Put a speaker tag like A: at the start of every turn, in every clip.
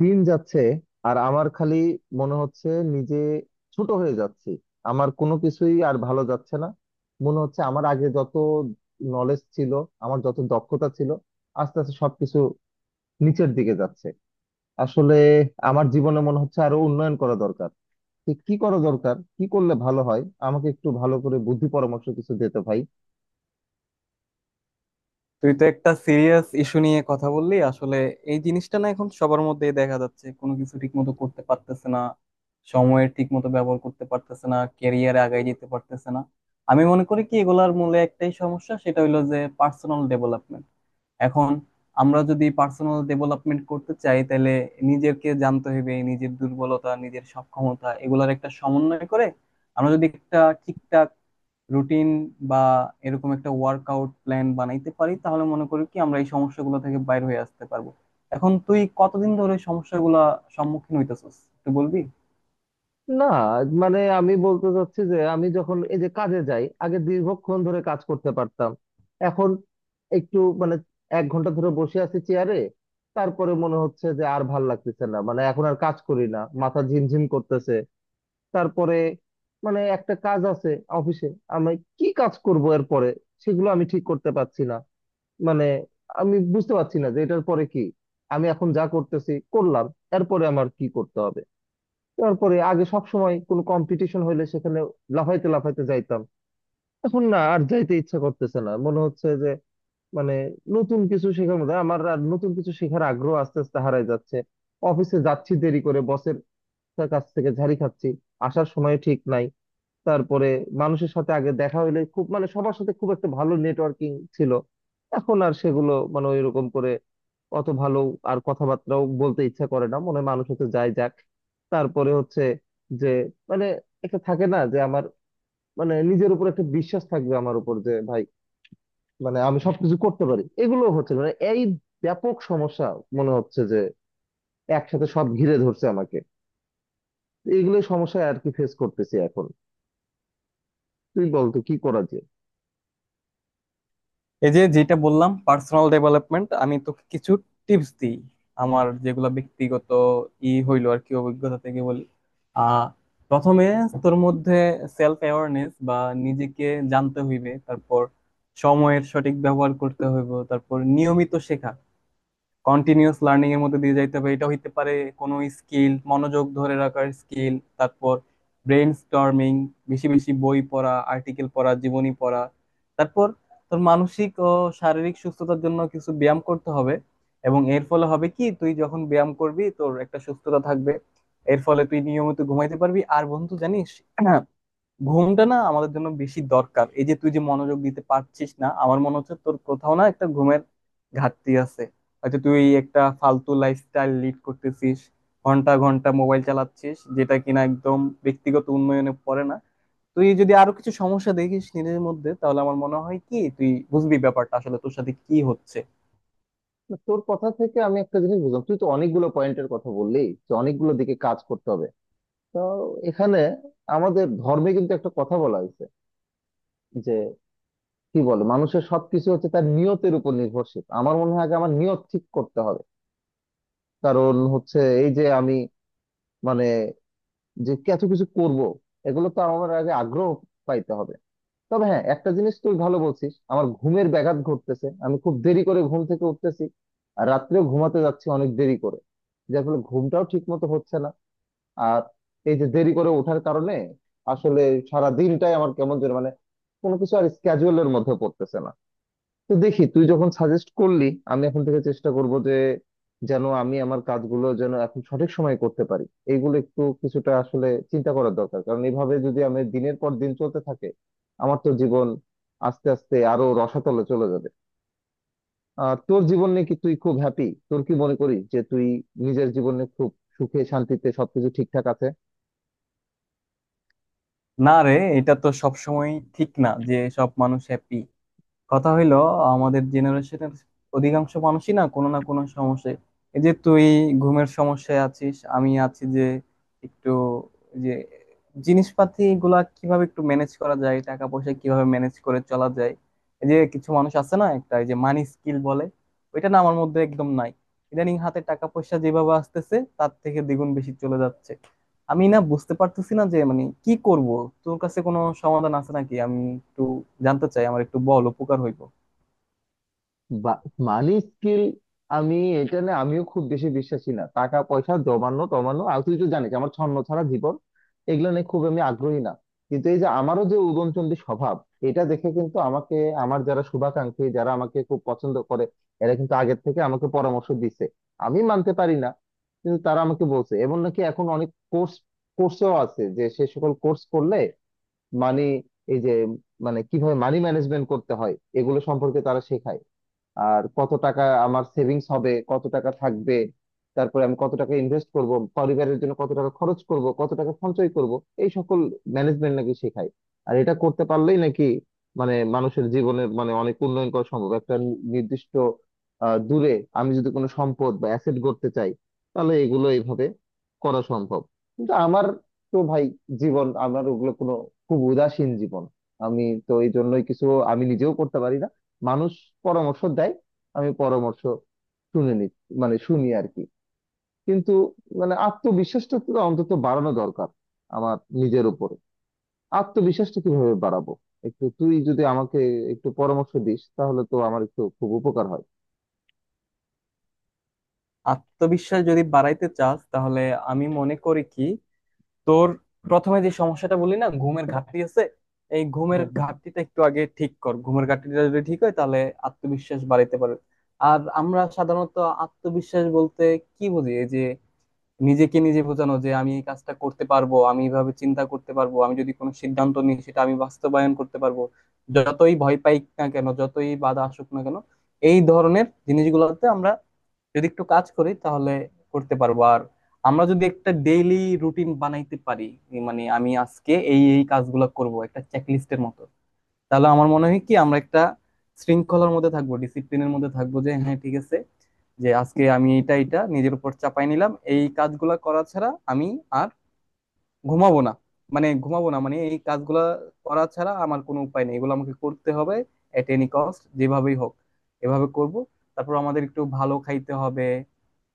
A: দিন যাচ্ছে আর আমার খালি মনে হচ্ছে নিজে ছোট হয়ে যাচ্ছি। আমার কোনো কিছুই আর ভালো যাচ্ছে না, মনে হচ্ছে আমার আগে যত নলেজ ছিল, আমার যত দক্ষতা ছিল, আস্তে আস্তে সবকিছু নিচের দিকে যাচ্ছে। আসলে আমার জীবনে মনে হচ্ছে আরো উন্নয়ন করা দরকার। তো কি করা দরকার, কি করলে ভালো হয়, আমাকে একটু ভালো করে বুদ্ধি পরামর্শ কিছু দিতে ভাই।
B: তুই তো একটা সিরিয়াস ইস্যু নিয়ে কথা বললি আসলে। এই জিনিসটা না এখন সবার মধ্যেই দেখা যাচ্ছে, কোনো কিছু ঠিক মতো করতে পারতেছে না, সময়ের ঠিক মতো ব্যবহার করতে পারতেছে না, ক্যারিয়ারে আগায় যেতে পারতেছে না। আমি মনে করি কি এগুলার মূলে একটাই সমস্যা, সেটা হলো যে পার্সোনাল ডেভেলপমেন্ট। এখন আমরা যদি পার্সোনাল ডেভেলপমেন্ট করতে চাই, তাহলে নিজেকে জানতে হবে, নিজের দুর্বলতা নিজের সক্ষমতা এগুলার একটা সমন্বয় করে আমরা যদি একটা ঠিকঠাক রুটিন বা এরকম একটা ওয়ার্কআউট প্ল্যান বানাইতে পারি, তাহলে মনে করি কি আমরা এই সমস্যাগুলো থেকে বাইরে হয়ে আসতে পারবো। এখন তুই কতদিন ধরে সমস্যাগুলো সম্মুখীন হইতেছিস একটু বলবি?
A: না, মানে আমি বলতে চাচ্ছি যে আমি যখন এই যে কাজে যাই, আগে দীর্ঘক্ষণ ধরে কাজ করতে পারতাম, এখন একটু মানে 1 ঘন্টা ধরে বসে আছি চেয়ারে, তারপরে মনে হচ্ছে যে আর ভাল লাগতেছে না, মানে এখন আর কাজ করি না, মাথা ঝিমঝিম করতেছে। তারপরে মানে একটা কাজ আছে অফিসে, আমি কি কাজ করব এরপরে সেগুলো আমি ঠিক করতে পারছি না। মানে আমি বুঝতে পারছি না যে এটার পরে কি, আমি এখন যা করতেছি করলাম, এরপরে আমার কি করতে হবে। তারপরে আগে সব সময় কোনো কম্পিটিশন হইলে সেখানে লাফাইতে লাফাইতে যাইতাম, এখন না আর যাইতে ইচ্ছা করতেছে না। মনে হচ্ছে যে মানে নতুন কিছু শেখার মধ্যে আমার আর নতুন কিছু শেখার আগ্রহ আস্তে আস্তে হারাই যাচ্ছে। অফিসে যাচ্ছি দেরি করে, বসের কাছ থেকে ঝাড়ি খাচ্ছি, আসার সময় ঠিক নাই। তারপরে মানুষের সাথে আগে দেখা হইলে খুব মানে সবার সাথে খুব একটা ভালো নেটওয়ার্কিং ছিল, এখন আর সেগুলো মানে ওইরকম করে অত ভালো আর কথাবার্তাও বলতে ইচ্ছা করে না, মনে হয় মানুষ হতে যায় যাক। তারপরে হচ্ছে যে মানে একটা থাকে না যে আমার, মানে নিজের উপর একটা বিশ্বাস থাকবে আমার উপর যে ভাই, মানে আমি সবকিছু করতে পারি, এগুলো হচ্ছে না। মানে এই ব্যাপক সমস্যা, মনে হচ্ছে যে একসাথে সব ঘিরে ধরছে আমাকে। এগুলো সমস্যা আর কি ফেস করতেছি এখন, তুই বলতো কি করা যায়।
B: এই যে যেটা বললাম পার্সোনাল ডেভেলপমেন্ট, আমি তোকে কিছু টিপস দিই, আমার যেগুলো ব্যক্তিগত ই হইলো আর কি অভিজ্ঞতা থেকে বলি। আহ প্রথমে তোর মধ্যে সেলফ অ্যাওয়ারনেস বা নিজেকে জানতে হইবে, তারপর সময়ের সঠিক ব্যবহার করতে হইব, তারপর নিয়মিত শেখা, কন্টিনিউয়াস লার্নিং এর মধ্যে দিয়ে যাইতে হবে। এটা হইতে পারে কোনো স্কিল, মনোযোগ ধরে রাখার স্কিল। তারপর ব্রেন স্টর্মিং, বেশি বেশি বই পড়া, আর্টিকেল পড়া, জীবনী পড়া। তারপর তোর মানসিক ও শারীরিক সুস্থতার জন্য কিছু ব্যায়াম করতে হবে, এবং এর ফলে হবে কি তুই যখন ব্যায়াম করবি তোর একটা সুস্থতা থাকবে, এর ফলে তুই নিয়মিত ঘুমাইতে পারবি। আর বন্ধু, জানিস, হ্যাঁ, ঘুমটা না আমাদের জন্য বেশি দরকার। এই যে তুই যে মনোযোগ দিতে পারছিস না, আমার মনে হচ্ছে তোর কোথাও না একটা ঘুমের ঘাটতি আছে। হয়তো তুই একটা ফালতু লাইফস্টাইল লিড করতেছিস, ঘন্টা ঘন্টা মোবাইল চালাচ্ছিস, যেটা কিনা একদম ব্যক্তিগত উন্নয়নে পড়ে না। তুই যদি আরো কিছু সমস্যা দেখিস নিজের মধ্যে, তাহলে আমার মনে হয় কি তুই বুঝবি ব্যাপারটা আসলে তোর সাথে কি হচ্ছে।
A: না, তোর কথা থেকে আমি একটা জিনিস বুঝলাম, তুই তো অনেকগুলো পয়েন্টের কথা বললি যে অনেকগুলো দিকে কাজ করতে হবে। তো এখানে আমাদের ধর্মে কিন্তু একটা কথা বলা হয়েছে যে কি বলে, মানুষের সবকিছু হচ্ছে তার নিয়তের উপর নির্ভরশীল। আমার মনে হয় আগে আমার নিয়ত ঠিক করতে হবে। কারণ হচ্ছে এই যে আমি মানে যে এত কিছু করব, এগুলো তো আমার আগে আগ্রহ পাইতে হবে। তবে হ্যাঁ, একটা জিনিস তুই ভালো বলছিস, আমার ঘুমের ব্যাঘাত ঘটতেছে, আমি খুব দেরি করে ঘুম থেকে উঠতেছি, আর রাত্রেও ঘুমাতে যাচ্ছি অনেক দেরি করে, যার ফলে ঘুমটাও ঠিক মতো হচ্ছে না। আর এই যে দেরি করে ওঠার কারণে আসলে সারা দিনটাই আমার কেমন যেন, মানে কোনো কিছু আর স্ক্যাজুয়ালের মধ্যে পড়তেছে না। তো দেখি, তুই যখন সাজেস্ট করলি, আমি এখন থেকে চেষ্টা করব যে যেন আমি আমার কাজগুলো যেন এখন সঠিক সময়ে করতে পারি। এইগুলো একটু কিছুটা আসলে চিন্তা করার দরকার, কারণ এইভাবে যদি আমি দিনের পর দিন চলতে থাকে, আমার তো জীবন আস্তে আস্তে আরো রসাতলে চলে যাবে। আর তোর জীবন নিয়ে কি তুই খুব হ্যাপি? তোর কি মনে করিস যে তুই নিজের জীবনে খুব সুখে শান্তিতে সবকিছু ঠিকঠাক আছে?
B: না রে, এটা তো সবসময় ঠিক না যে সব মানুষ হ্যাপি। কথা হইলো আমাদের জেনারেশনের অধিকাংশ মানুষই না কোনো না কোনো সমস্যায়। এই যে তুই ঘুমের সমস্যায় আছিস, আমি আছি যে একটু যে জিনিসপাতি গুলা কিভাবে একটু ম্যানেজ করা যায়, টাকা পয়সা কিভাবে ম্যানেজ করে চলা যায়। এই যে কিছু মানুষ আছে না, একটা এই যে মানি স্কিল বলে, ওইটা না আমার মধ্যে একদম নাই। ইদানিং হাতে টাকা পয়সা যেভাবে আসতেছে তার থেকে দ্বিগুণ বেশি চলে যাচ্ছে। আমি না বুঝতে পারতেছি না যে মানে কি করব। তোর কাছে কোনো সমাধান আছে নাকি? আমি একটু জানতে চাই, আমার একটু বল, উপকার হইব।
A: বা- মানি স্কিল, আমি এটা না, আমিও খুব বেশি বিশ্বাসী না টাকা পয়সা জমানো টমানো, আর তুই তো জানিস আমার ছন্ন ছাড়া জীবন, এগুলো নিয়ে খুব আমি আগ্রহী না। কিন্তু এই যে আমারও যে উদয়নচন্দ্রী স্বভাব, এটা দেখে কিন্তু আমাকে, আমার যারা শুভাকাঙ্ক্ষী, যারা আমাকে খুব পছন্দ করে, এরা কিন্তু আগের থেকে আমাকে পরামর্শ দিছে, আমি মানতে পারি না। কিন্তু তারা আমাকে বলছে এমন নাকি এখন অনেক কোর্স কোর্সও আছে যে সে সকল কোর্স করলে মানি, এই যে মানে কিভাবে মানি ম্যানেজমেন্ট করতে হয় এগুলো সম্পর্কে তারা শেখায়। আর কত টাকা আমার সেভিংস হবে, কত টাকা থাকবে, তারপরে আমি কত টাকা ইনভেস্ট করব, পরিবারের জন্য কত টাকা খরচ করব, কত টাকা সঞ্চয় করব, এই সকল ম্যানেজমেন্ট নাকি শেখায়। আর এটা করতে পারলেই নাকি মানে মানুষের জীবনে মানে অনেক উন্নয়ন করা সম্ভব, একটা নির্দিষ্ট দূরে আমি যদি কোনো সম্পদ বা অ্যাসেট গড়তে চাই, তাহলে এগুলো এইভাবে করা সম্ভব। কিন্তু আমার তো ভাই জীবন, আমার ওগুলো কোনো, খুব উদাসীন জীবন আমি, তো এই জন্যই কিছু আমি নিজেও করতে পারি না। মানুষ পরামর্শ দেয়, আমি পরামর্শ শুনে নি, মানে শুনি আর কি, কিন্তু মানে আত্মবিশ্বাসটা তো অন্তত বাড়ানো দরকার আমার, নিজের উপরে আত্মবিশ্বাসটা কিভাবে বাড়াবো, একটু তুই যদি আমাকে একটু পরামর্শ দিস, তাহলে তো আমার একটু খুব উপকার হয়।
B: আত্মবিশ্বাস যদি বাড়াইতে চাস, তাহলে আমি মনে করি কি তোর প্রথমে যে সমস্যাটা বলি না, ঘুমের ঘাটতি আছে, এই ঘুমের
A: হ্যাঁ।
B: ঘাটতিটা একটু আগে ঠিক কর। ঘুমের ঘাটতিটা যদি ঠিক হয়, তাহলে আত্মবিশ্বাস বাড়াইতে পারবে। আর আমরা সাধারণত আত্মবিশ্বাস বলতে কি বুঝি? এই যে নিজেকে নিজে বোঝানো যে আমি এই কাজটা করতে পারবো, আমি এইভাবে চিন্তা করতে পারবো, আমি যদি কোনো সিদ্ধান্ত নিই সেটা আমি বাস্তবায়ন করতে পারবো, যতই ভয় পাই না কেন, যতই বাধা আসুক না কেন। এই ধরনের জিনিসগুলোতে আমরা যদি একটু কাজ করি, তাহলে করতে পারবো। আর আমরা যদি একটা ডেইলি রুটিন বানাইতে পারি, এই মানে আমি আজকে এই এই কাজগুলো করব, একটা চেকলিস্টের মতো, তাহলে আমার মনে হয় কি আমরা একটা শৃঙ্খলার মধ্যে থাকবো, ডিসিপ্লিনের মধ্যে থাকবো, যে হ্যাঁ ঠিক আছে, যে আজকে আমি এটা এটা নিজের উপর চাপাই নিলাম, এই কাজগুলা করা ছাড়া আমি আর ঘুমাবো না। মানে ঘুমাবো না মানে এই কাজগুলা করা ছাড়া আমার কোনো উপায় নেই, এগুলো আমাকে করতে হবে এট এনি কস্ট, যেভাবেই হোক এভাবে করব। তারপর আমাদের একটু ভালো খাইতে হবে,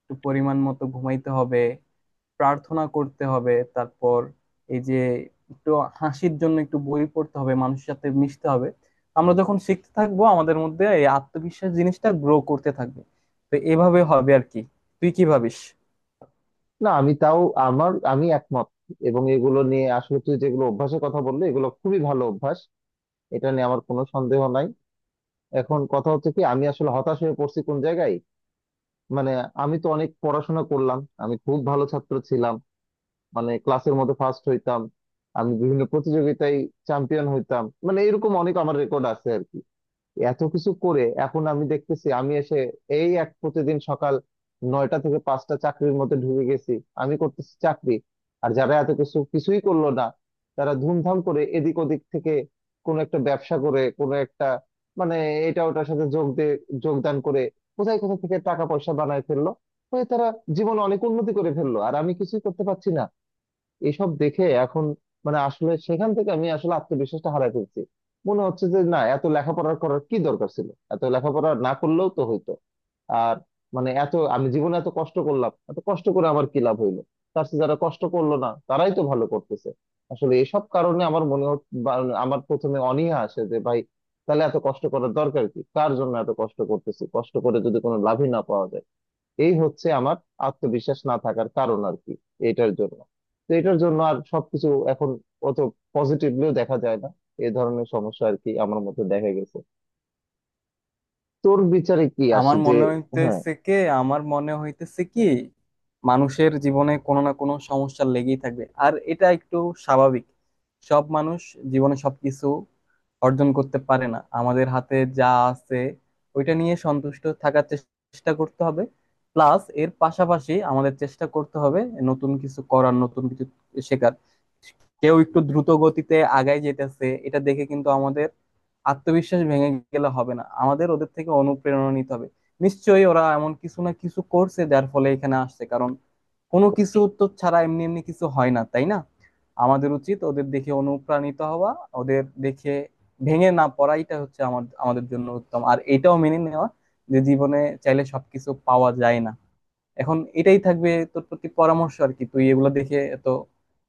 B: একটু পরিমাণ মতো ঘুমাইতে হবে, প্রার্থনা করতে হবে, তারপর এই যে একটু হাসির জন্য একটু বই পড়তে হবে, মানুষের সাথে মিশতে হবে। আমরা যখন শিখতে থাকবো, আমাদের মধ্যে এই আত্মবিশ্বাস জিনিসটা গ্রো করতে থাকবে। তো এভাবে হবে আর কি। তুই কি ভাবিস?
A: না, আমি তাও আমার আমি একমত, এবং এগুলো নিয়ে আসলে তুই যেগুলো অভ্যাসের কথা বললি, এগুলো খুবই ভালো অভ্যাস, এটা নিয়ে আমার কোনো সন্দেহ নাই। এখন কথা হচ্ছে কি, আমি আসলে হতাশ হয়ে পড়ছি কোন জায়গায়, মানে আমি তো অনেক পড়াশোনা করলাম, আমি খুব ভালো ছাত্র ছিলাম, মানে ক্লাসের মধ্যে ফার্স্ট হইতাম, আমি বিভিন্ন প্রতিযোগিতায় চ্যাম্পিয়ন হইতাম, মানে এরকম অনেক আমার রেকর্ড আছে আর কি। এত কিছু করে এখন আমি দেখতেছি আমি এসে এই এক প্রতিদিন সকাল 9টা থেকে 5টা চাকরির মধ্যে ঢুকে গেছি, আমি করতেছি চাকরি। আর যারা এত কিছু কিছুই করলো না, তারা ধুমধাম করে এদিক ওদিক থেকে কোনো একটা ব্যবসা করে, কোনো একটা মানে এটা ওটার সাথে যোগ দিয়ে যোগদান করে কোথায় কোথা থেকে টাকা পয়সা বানায় ফেললো, হয়ে তারা জীবনে অনেক উন্নতি করে ফেললো। আর আমি কিছুই করতে পারছি না, এসব দেখে এখন মানে আসলে সেখান থেকে আমি আসলে আত্মবিশ্বাসটা হারাই ফেলছি। মনে হচ্ছে যে না, এত লেখাপড়া করার কি দরকার ছিল, এত লেখাপড়া না করলেও তো হইতো। আর মানে এত আমি জীবনে এত কষ্ট করলাম, এত কষ্ট করে আমার কি লাভ হইলো, তার চেয়ে যারা কষ্ট করলো না তারাই তো ভালো করতেছে। আসলে এসব কারণে আমার মনে হচ্ছে, আমার প্রথমে অনীহা আসে যে ভাই, তাহলে এত কষ্ট করার দরকার কি, কার জন্য এত কষ্ট করতেছি, কষ্ট করে যদি কোনো লাভই না পাওয়া যায়। এই হচ্ছে আমার আত্মবিশ্বাস না থাকার কারণ আর কি, এটার জন্য, তো এটার জন্য আর সবকিছু এখন অত পজিটিভলিও দেখা যায় না। এই ধরনের সমস্যা আর কি আমার মধ্যে দেখা গেছে, তোর বিচারে কি আসে
B: আমার
A: যে।
B: মনে
A: হ্যাঁ,
B: হইতেছে কি আমার মনে হইতেছে কি মানুষের জীবনে কোনো না কোনো সমস্যা লেগেই থাকবে, আর এটা একটু স্বাভাবিক। সব মানুষ জীবনে সবকিছু অর্জন করতে পারে না। আমাদের হাতে যা আছে ওইটা নিয়ে সন্তুষ্ট থাকার চেষ্টা করতে হবে, প্লাস এর পাশাপাশি আমাদের চেষ্টা করতে হবে নতুন কিছু করার, নতুন কিছু শেখার। কেউ একটু দ্রুত গতিতে আগায় যেতেছে এটা দেখে কিন্তু আমাদের আত্মবিশ্বাস ভেঙে গেলে হবে না, আমাদের ওদের থেকে অনুপ্রেরণা নিতে হবে। নিশ্চয়ই ওরা এমন কিছু না কিছু করছে যার ফলে এখানে আসছে, কারণ কোনো কিছু তো ছাড়া এমনি এমনি কিছু হয় না, তাই না? আমাদের উচিত ওদের দেখে অনুপ্রাণিত হওয়া, ওদের দেখে ভেঙে না পড়াইটা হচ্ছে আমাদের আমাদের জন্য উত্তম, আর এটাও মেনে নেওয়া যে জীবনে চাইলে সবকিছু পাওয়া যায় না। এখন এটাই থাকবে তোর প্রতি পরামর্শ আর কি, তুই এগুলো দেখে এত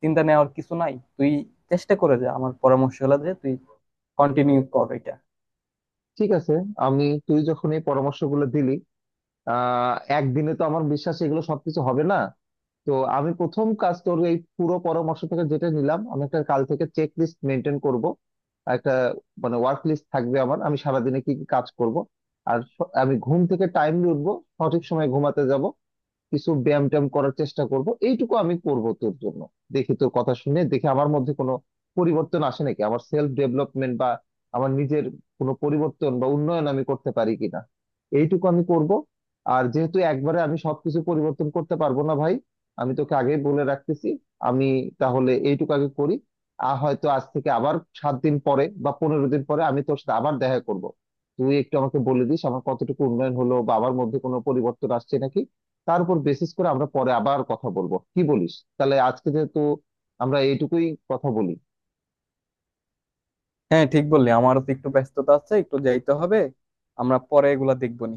B: চিন্তা নেওয়ার কিছু নাই, তুই চেষ্টা করে যা। আমার পরামর্শ হলো যে তুই কন্টিনিউ কর এটা।
A: ঠিক আছে। আমি, তুই যখন এই পরামর্শগুলো দিলি, আহ একদিনে তো আমার বিশ্বাস এগুলো সবকিছু হবে না। তো আমি প্রথম কাজ তোর এই পুরো পরামর্শ থেকে যেটা নিলাম, আমি একটা কাল থেকে চেক লিস্ট মেনটেন করব, একটা মানে ওয়ার্ক লিস্ট থাকবে আমার, আমি সারাদিনে কি কি কাজ করব। আর আমি ঘুম থেকে টাইমলি উঠবো, সঠিক সময় ঘুমাতে যাব, কিছু ব্যায়াম ট্যায়াম করার চেষ্টা করব, এইটুকু আমি করব তোর জন্য। দেখি তোর কথা শুনে দেখি আমার মধ্যে কোনো পরিবর্তন আসে নাকি, আমার সেলফ ডেভেলপমেন্ট বা আমার নিজের কোনো পরিবর্তন বা উন্নয়ন আমি করতে পারি কিনা, এইটুকু আমি করব। আর যেহেতু একবারে আমি সবকিছু পরিবর্তন করতে পারবো না ভাই, আমি তোকে আগেই বলে রাখতেছি, আমি তাহলে এইটুকু আগে করি। আর হয়তো আজ থেকে আবার 7 দিন পরে বা 15 দিন পরে আমি তোর সাথে আবার দেখা করব, তুই একটু আমাকে বলে দিস আমার কতটুকু উন্নয়ন হলো বা আমার মধ্যে কোনো পরিবর্তন আসছে নাকি। তার উপর বেসিস করে আমরা পরে আবার কথা বলবো, কি বলিস, তাহলে আজকে যেহেতু আমরা এইটুকুই কথা বলি।
B: হ্যাঁ, ঠিক বললি, আমারও তো একটু ব্যস্ততা আছে, একটু যাইতে হবে। আমরা পরে এগুলা দেখবো নি।